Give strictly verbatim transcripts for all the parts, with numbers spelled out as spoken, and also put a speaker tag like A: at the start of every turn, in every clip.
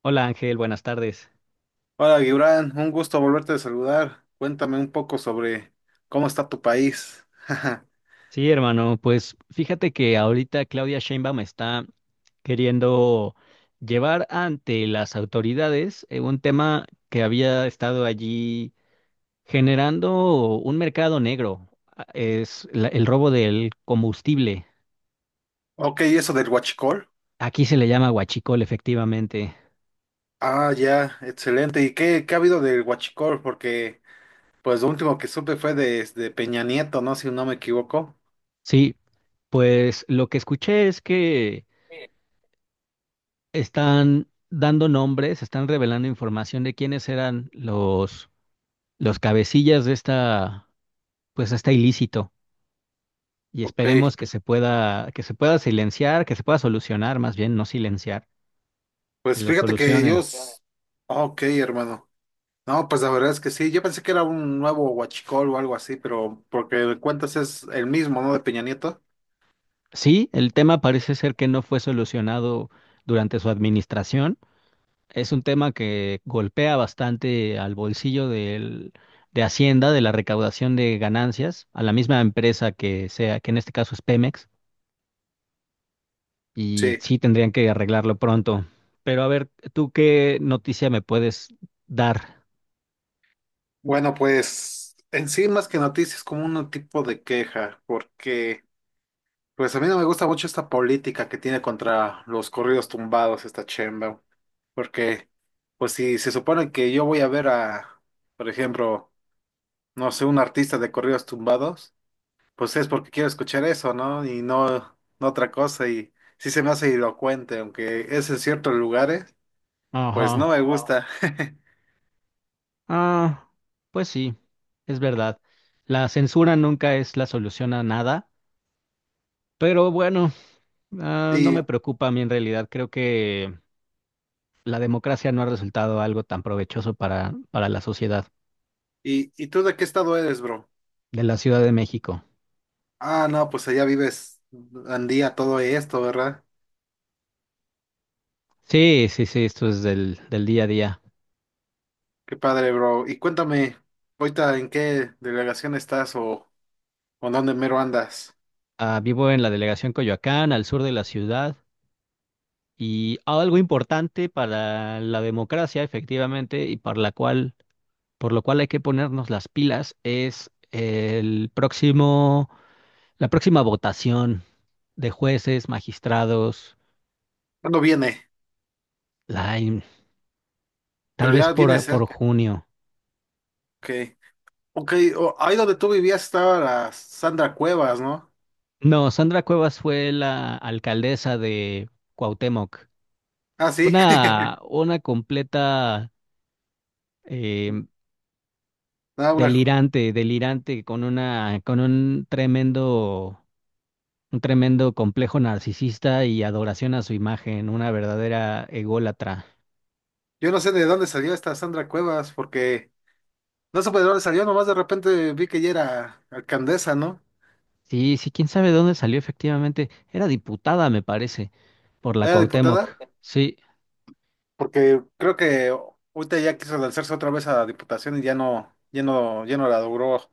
A: Hola Ángel, buenas tardes.
B: Hola, Gibran, un gusto volverte a saludar. Cuéntame un poco sobre cómo está tu país.
A: Sí, hermano, pues fíjate que ahorita Claudia Sheinbaum está queriendo llevar ante las autoridades eh, un tema que había estado allí generando un mercado negro, a- es la- el robo del combustible.
B: Ok, ¿y eso del huachicol?
A: Aquí se le llama huachicol, efectivamente.
B: Ah, ya, excelente. ¿Y qué, qué ha habido del huachicol? Porque, pues, lo último que supe fue de, de Peña Nieto, ¿no? Si no me equivoco.
A: Sí, pues lo que escuché es que
B: Sí.
A: están dando nombres, están revelando información de quiénes eran los los cabecillas de esta, pues, está ilícito, y
B: Ok,
A: esperemos que se pueda, que se pueda silenciar, que se pueda solucionar, más bien no silenciar, que
B: pues
A: lo
B: fíjate que
A: solucionen.
B: ellos. s- Ok, hermano. No, pues la verdad es que sí. Yo pensé que era un nuevo huachicol o algo así, pero porque de cuentas es el mismo, ¿no? De Peña Nieto.
A: Sí, el tema parece ser que no fue solucionado durante su administración. Es un tema que golpea bastante al bolsillo del, de Hacienda, de la recaudación de ganancias, a la misma empresa que sea, que en este caso es Pemex, y
B: Sí,
A: sí tendrían que arreglarlo pronto. Pero a ver, ¿tú qué noticia me puedes dar?
B: bueno, pues en sí más que noticias como un tipo de queja, porque pues a mí no me gusta mucho esta política que tiene contra los corridos tumbados esta chemba, porque pues si se supone que yo voy a ver a, por ejemplo, no sé, un artista de corridos tumbados, pues es porque quiero escuchar eso, ¿no? Y no, no otra cosa. Y sí se me hace elocuente, aunque es en ciertos lugares, pues no
A: Ajá.
B: me, wow, gusta.
A: Ah, pues sí, es verdad. La censura nunca es la solución a nada, pero bueno, ah, no me
B: Y,
A: preocupa a mí en realidad. Creo que la democracia no ha resultado algo tan provechoso para, para la sociedad
B: y, ¿Y tú de qué estado eres, bro?
A: de la Ciudad de México.
B: Ah, no, pues allá vives Andía, todo esto, ¿verdad?
A: Sí, sí, sí, esto es del, del día a día.
B: Qué padre, bro. Y cuéntame, ahorita en qué delegación estás o, o dónde mero andas.
A: Ah, vivo en la delegación Coyoacán, al sur de la ciudad, y algo importante para la democracia, efectivamente, y para la cual por lo cual hay que ponernos las pilas, es el próximo, la próxima votación de jueces, magistrados,
B: ¿Cuándo viene?
A: la in- tal
B: Pero
A: vez
B: ya viene
A: por, por
B: cerca.
A: junio.
B: Ok. Ok, o- ahí donde tú vivías estaba la Sandra Cuevas, ¿no?
A: No, Sandra Cuevas fue la alcaldesa de Cuauhtémoc.
B: Ah, sí.
A: Una, una completa, eh,
B: Ah, una.
A: delirante, delirante, con una, con un tremendo, un tremendo complejo narcisista y adoración a su imagen, una verdadera ególatra.
B: Yo no sé de dónde salió esta Sandra Cuevas, porque no supe de dónde salió, nomás de repente vi que ella era alcaldesa, ¿no?
A: Sí, sí, quién sabe de dónde salió efectivamente. Era diputada, me parece, por la
B: Era
A: Cuauhtémoc.
B: diputada,
A: Sí.
B: porque creo que ahorita ya quiso lanzarse otra vez a la diputación y ya no, ya no, ya no la logró.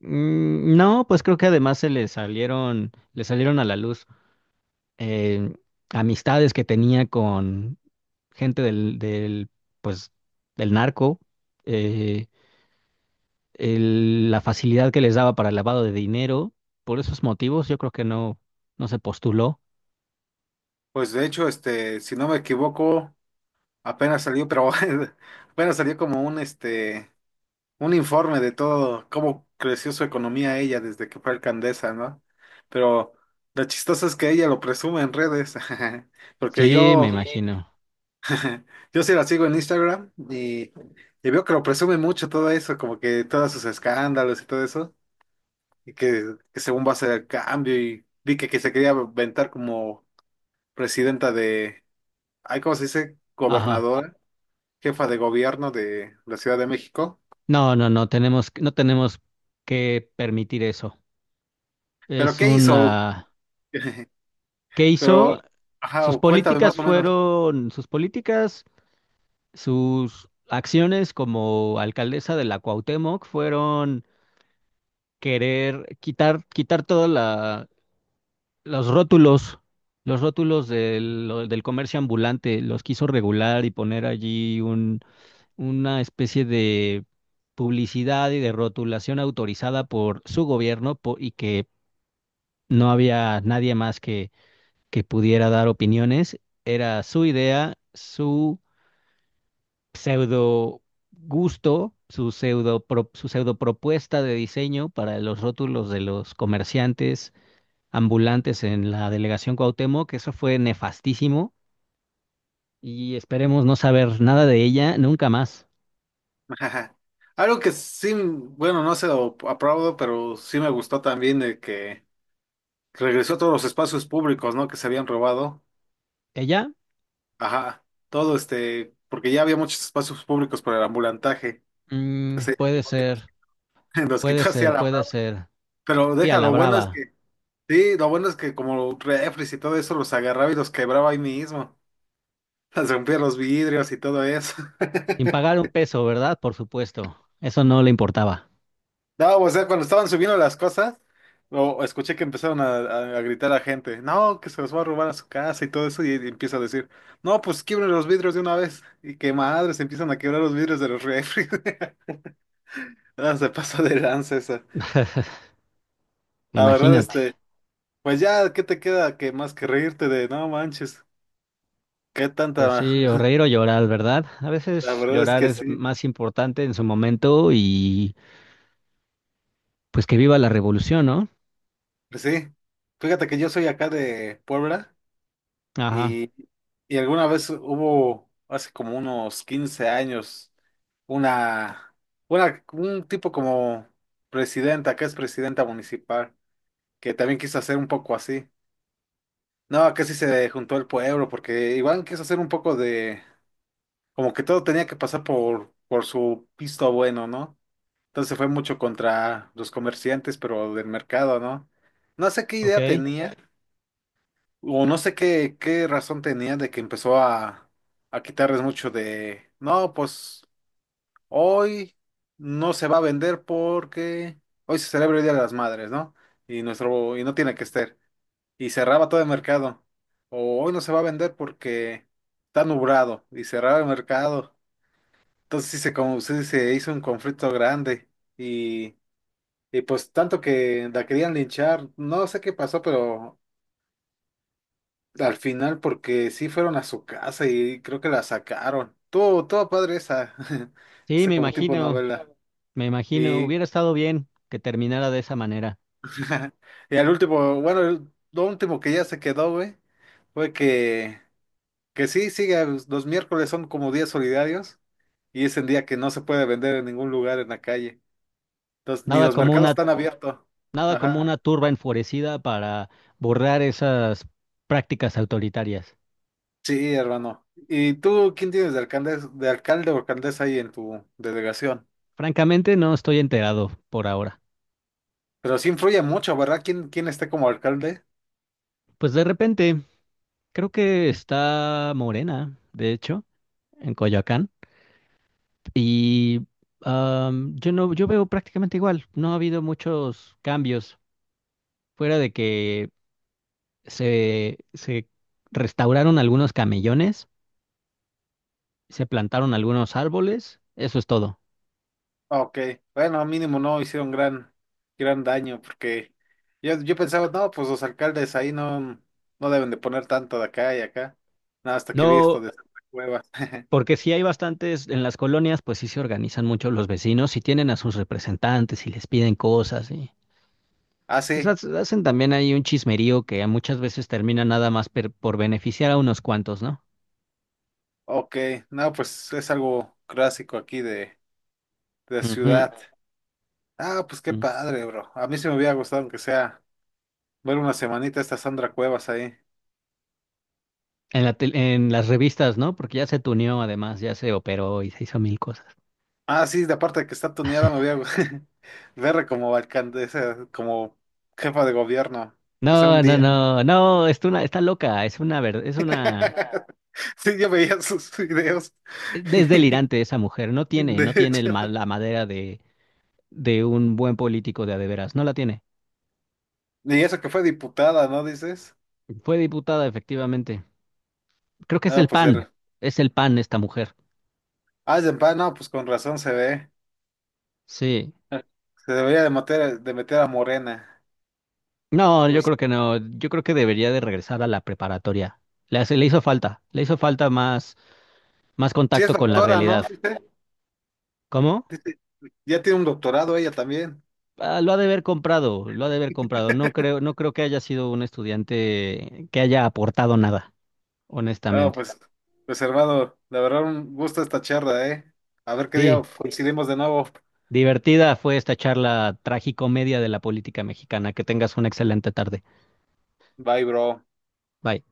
A: Mm, no, pues creo que además se le salieron, le salieron a la luz, eh, amistades que tenía con gente del, del, pues, del narco, eh, el- la facilidad que les daba para el lavado de dinero. Por esos motivos, yo creo que no, no se postuló.
B: Pues de hecho, este, si no me equivoco, apenas salió, pero apenas salió como un este, un informe de todo, cómo creció su economía ella desde que fue alcaldesa, ¿no? Pero lo chistoso es que ella lo presume en redes, porque
A: Sí, me
B: yo
A: imagino.
B: Yo sí la sigo en Instagram y, y veo que lo presume mucho todo eso, como que todos sus escándalos y todo eso, y que, que, según va a ser el cambio, y vi que, que se quería aventar como presidenta de, ay, ¿cómo se dice?
A: Ajá.
B: Gobernadora, jefa de gobierno de la Ciudad de México.
A: No, no, no tenemos, no tenemos que permitir eso.
B: ¿Pero
A: Es
B: qué hizo?
A: una... ¿Qué
B: Pero,
A: hizo?
B: ajá,
A: Sus
B: o cuéntame más
A: políticas
B: o menos.
A: fueron... Sus políticas, sus acciones como alcaldesa de la Cuauhtémoc fueron querer quitar, quitar todos los rótulos, los rótulos del, lo- del comercio ambulante. Los quiso regular y poner allí un, una especie de publicidad y de rotulación autorizada por su gobierno po- y que no había nadie más que pudiera dar opiniones. Era su idea, su pseudo gusto, su pseudo, pro- su pseudo propuesta de diseño para los rótulos de los comerciantes ambulantes en la delegación Cuauhtémoc, que eso fue nefastísimo y esperemos no saber nada de ella nunca más.
B: Algo que sí, bueno, no se lo aplaudo, pero sí me gustó también de que regresó a todos los espacios públicos, ¿no? Que se habían robado.
A: Ella,
B: Ajá, todo este, porque ya había muchos espacios públicos para el ambulantaje,
A: mm,
B: entonces
A: puede
B: igual que
A: ser,
B: nos, nos
A: puede
B: quitó así a
A: ser,
B: la
A: puede
B: brava.
A: ser.
B: Pero
A: Sí, a
B: deja,
A: la
B: lo bueno es
A: brava,
B: que, sí, lo bueno es que como refres y todo eso los agarraba y los quebraba ahí mismo, les rompía los vidrios y todo eso.
A: sin pagar un peso, ¿verdad? Por supuesto, eso no le importaba.
B: No, o sea, cuando estaban subiendo las cosas, o escuché que empezaron a, a- a gritar a gente, no, que se los va a robar a su casa y todo eso, y, y empieza a decir, no, pues quiebren los vidrios de una vez, y que madres, empiezan a quebrar los vidrios de los refres. No, se pasó de lanza esa. La verdad,
A: Imagínate.
B: este, pues ya, ¿qué te queda que más que reírte de no manches? ¿Qué tanta?
A: Pues sí, o reír o llorar, ¿verdad? A
B: La
A: veces
B: verdad es
A: llorar
B: que
A: es
B: sí.
A: más importante en su momento y pues que viva la revolución, ¿no?
B: Pues sí. Fíjate que yo soy acá de Puebla
A: Ajá,
B: y, y alguna vez hubo, hace como unos quince años, una, una, un tipo como presidenta, acá es presidenta municipal, que también quiso hacer un poco así. No, acá sí se juntó el pueblo, porque igual quiso hacer un poco de como que todo tenía que pasar por, por su pisto bueno, ¿no? Entonces fue mucho contra los comerciantes, pero del mercado, ¿no? No sé qué idea
A: ok.
B: tenía, o no sé qué, qué razón tenía de que empezó a, a quitarles mucho de, no, pues hoy no se va a vender porque hoy se celebra el Día de las Madres, ¿no? Y nuestro, y no tiene que estar. Y cerraba todo el mercado. O hoy no se va a vender porque está nublado. Y cerraba el mercado. Entonces sí se, como, sí se hizo un conflicto grande y, y pues tanto que la querían linchar, no sé qué pasó, pero al final porque sí fueron a su casa y creo que la sacaron. Todo, todo padre esa,
A: Sí, me
B: esa como tipo
A: imagino,
B: novela.
A: me imagino,
B: Y,
A: hubiera estado bien que terminara de esa manera.
B: y al último, bueno, el- lo último que ya se quedó, güey, fue que, que sí, sigue, los miércoles son como días solidarios y es el día que no se puede vender en ningún lugar en la calle. Entonces, ni
A: Nada
B: los
A: como
B: mercados
A: una,
B: están abiertos.
A: nada como
B: Ajá.
A: una turba enfurecida para borrar esas prácticas autoritarias.
B: Sí, hermano. ¿Y tú quién tienes de alcalde, de alcalde o alcaldesa ahí en tu delegación?
A: Francamente, no estoy enterado por ahora.
B: Pero sí influye mucho, ¿verdad? ¿Quién, quién esté como alcalde?
A: Pues de repente, creo que está Morena, de hecho, en Coyoacán. Y am, yo no, yo veo prácticamente igual. No ha habido muchos cambios. Fuera de que se, se restauraron algunos camellones, se plantaron algunos árboles, eso es todo.
B: Ah, ok, bueno, mínimo no hicieron gran, gran daño, porque yo, yo pensaba, no, pues los alcaldes ahí no, no deben de poner tanto de acá y acá. No, hasta que vi esto
A: No,
B: de Santa Cuevas.
A: porque sí hay bastantes en las colonias, pues sí se organizan mucho los vecinos y tienen a sus representantes y les piden cosas y
B: Ah,
A: pues
B: sí,
A: hac- hacen también ahí un chismerío que muchas veces termina nada más per- por beneficiar a unos cuantos, ¿no?
B: ok, no, pues es algo clásico aquí de, de ciudad. Ah, pues qué
A: Ujú.
B: padre, bro. A mí sí me hubiera gustado aunque sea. Ver una semanita esta Sandra Cuevas ahí.
A: En la tel- en las revistas, ¿no? Porque ya se tuneó, además, ya se operó y se hizo mil cosas.
B: Ah, sí, de aparte de que está tuneada, me voy a verla como alcaldesa, como jefa de gobierno. Que sea un
A: No, no,
B: día.
A: no, no, es una, está loca, es una verdad, es una,
B: Sí, yo veía sus videos.
A: es delirante esa mujer, no tiene,
B: De
A: no tiene el
B: hecho.
A: ma- la madera de, de un buen político de a de veras, no la tiene.
B: Y eso que fue diputada, ¿no dices?
A: Fue diputada, efectivamente. Creo que es
B: No,
A: el
B: pues correcto
A: P A N,
B: era.
A: es el P A N esta mujer.
B: Ah, es de pa- no, pues con razón se ve.
A: Sí.
B: Se debería de meter, de meter a Morena.
A: No,
B: ¿Sí?
A: yo
B: Pues,
A: creo que no, yo creo que debería de regresar a la preparatoria. Le hace- le hizo falta, le hizo falta más, más
B: sí es
A: contacto con la
B: doctora, ¿no?
A: realidad.
B: Doctora.
A: ¿Cómo?
B: Dice, dice, ya tiene un doctorado ella también.
A: Ah, lo ha de haber comprado, lo ha de haber comprado. No creo, no creo que haya sido un estudiante que haya aportado nada,
B: Ah,
A: honestamente.
B: pues, pues hermano, la verdad un gusto esta charla, ¿eh? A ver qué día
A: Sí,
B: coincidimos de nuevo.
A: divertida fue esta charla tragicomedia de la política mexicana. Que tengas una excelente tarde.
B: Bye, bro.
A: Bye.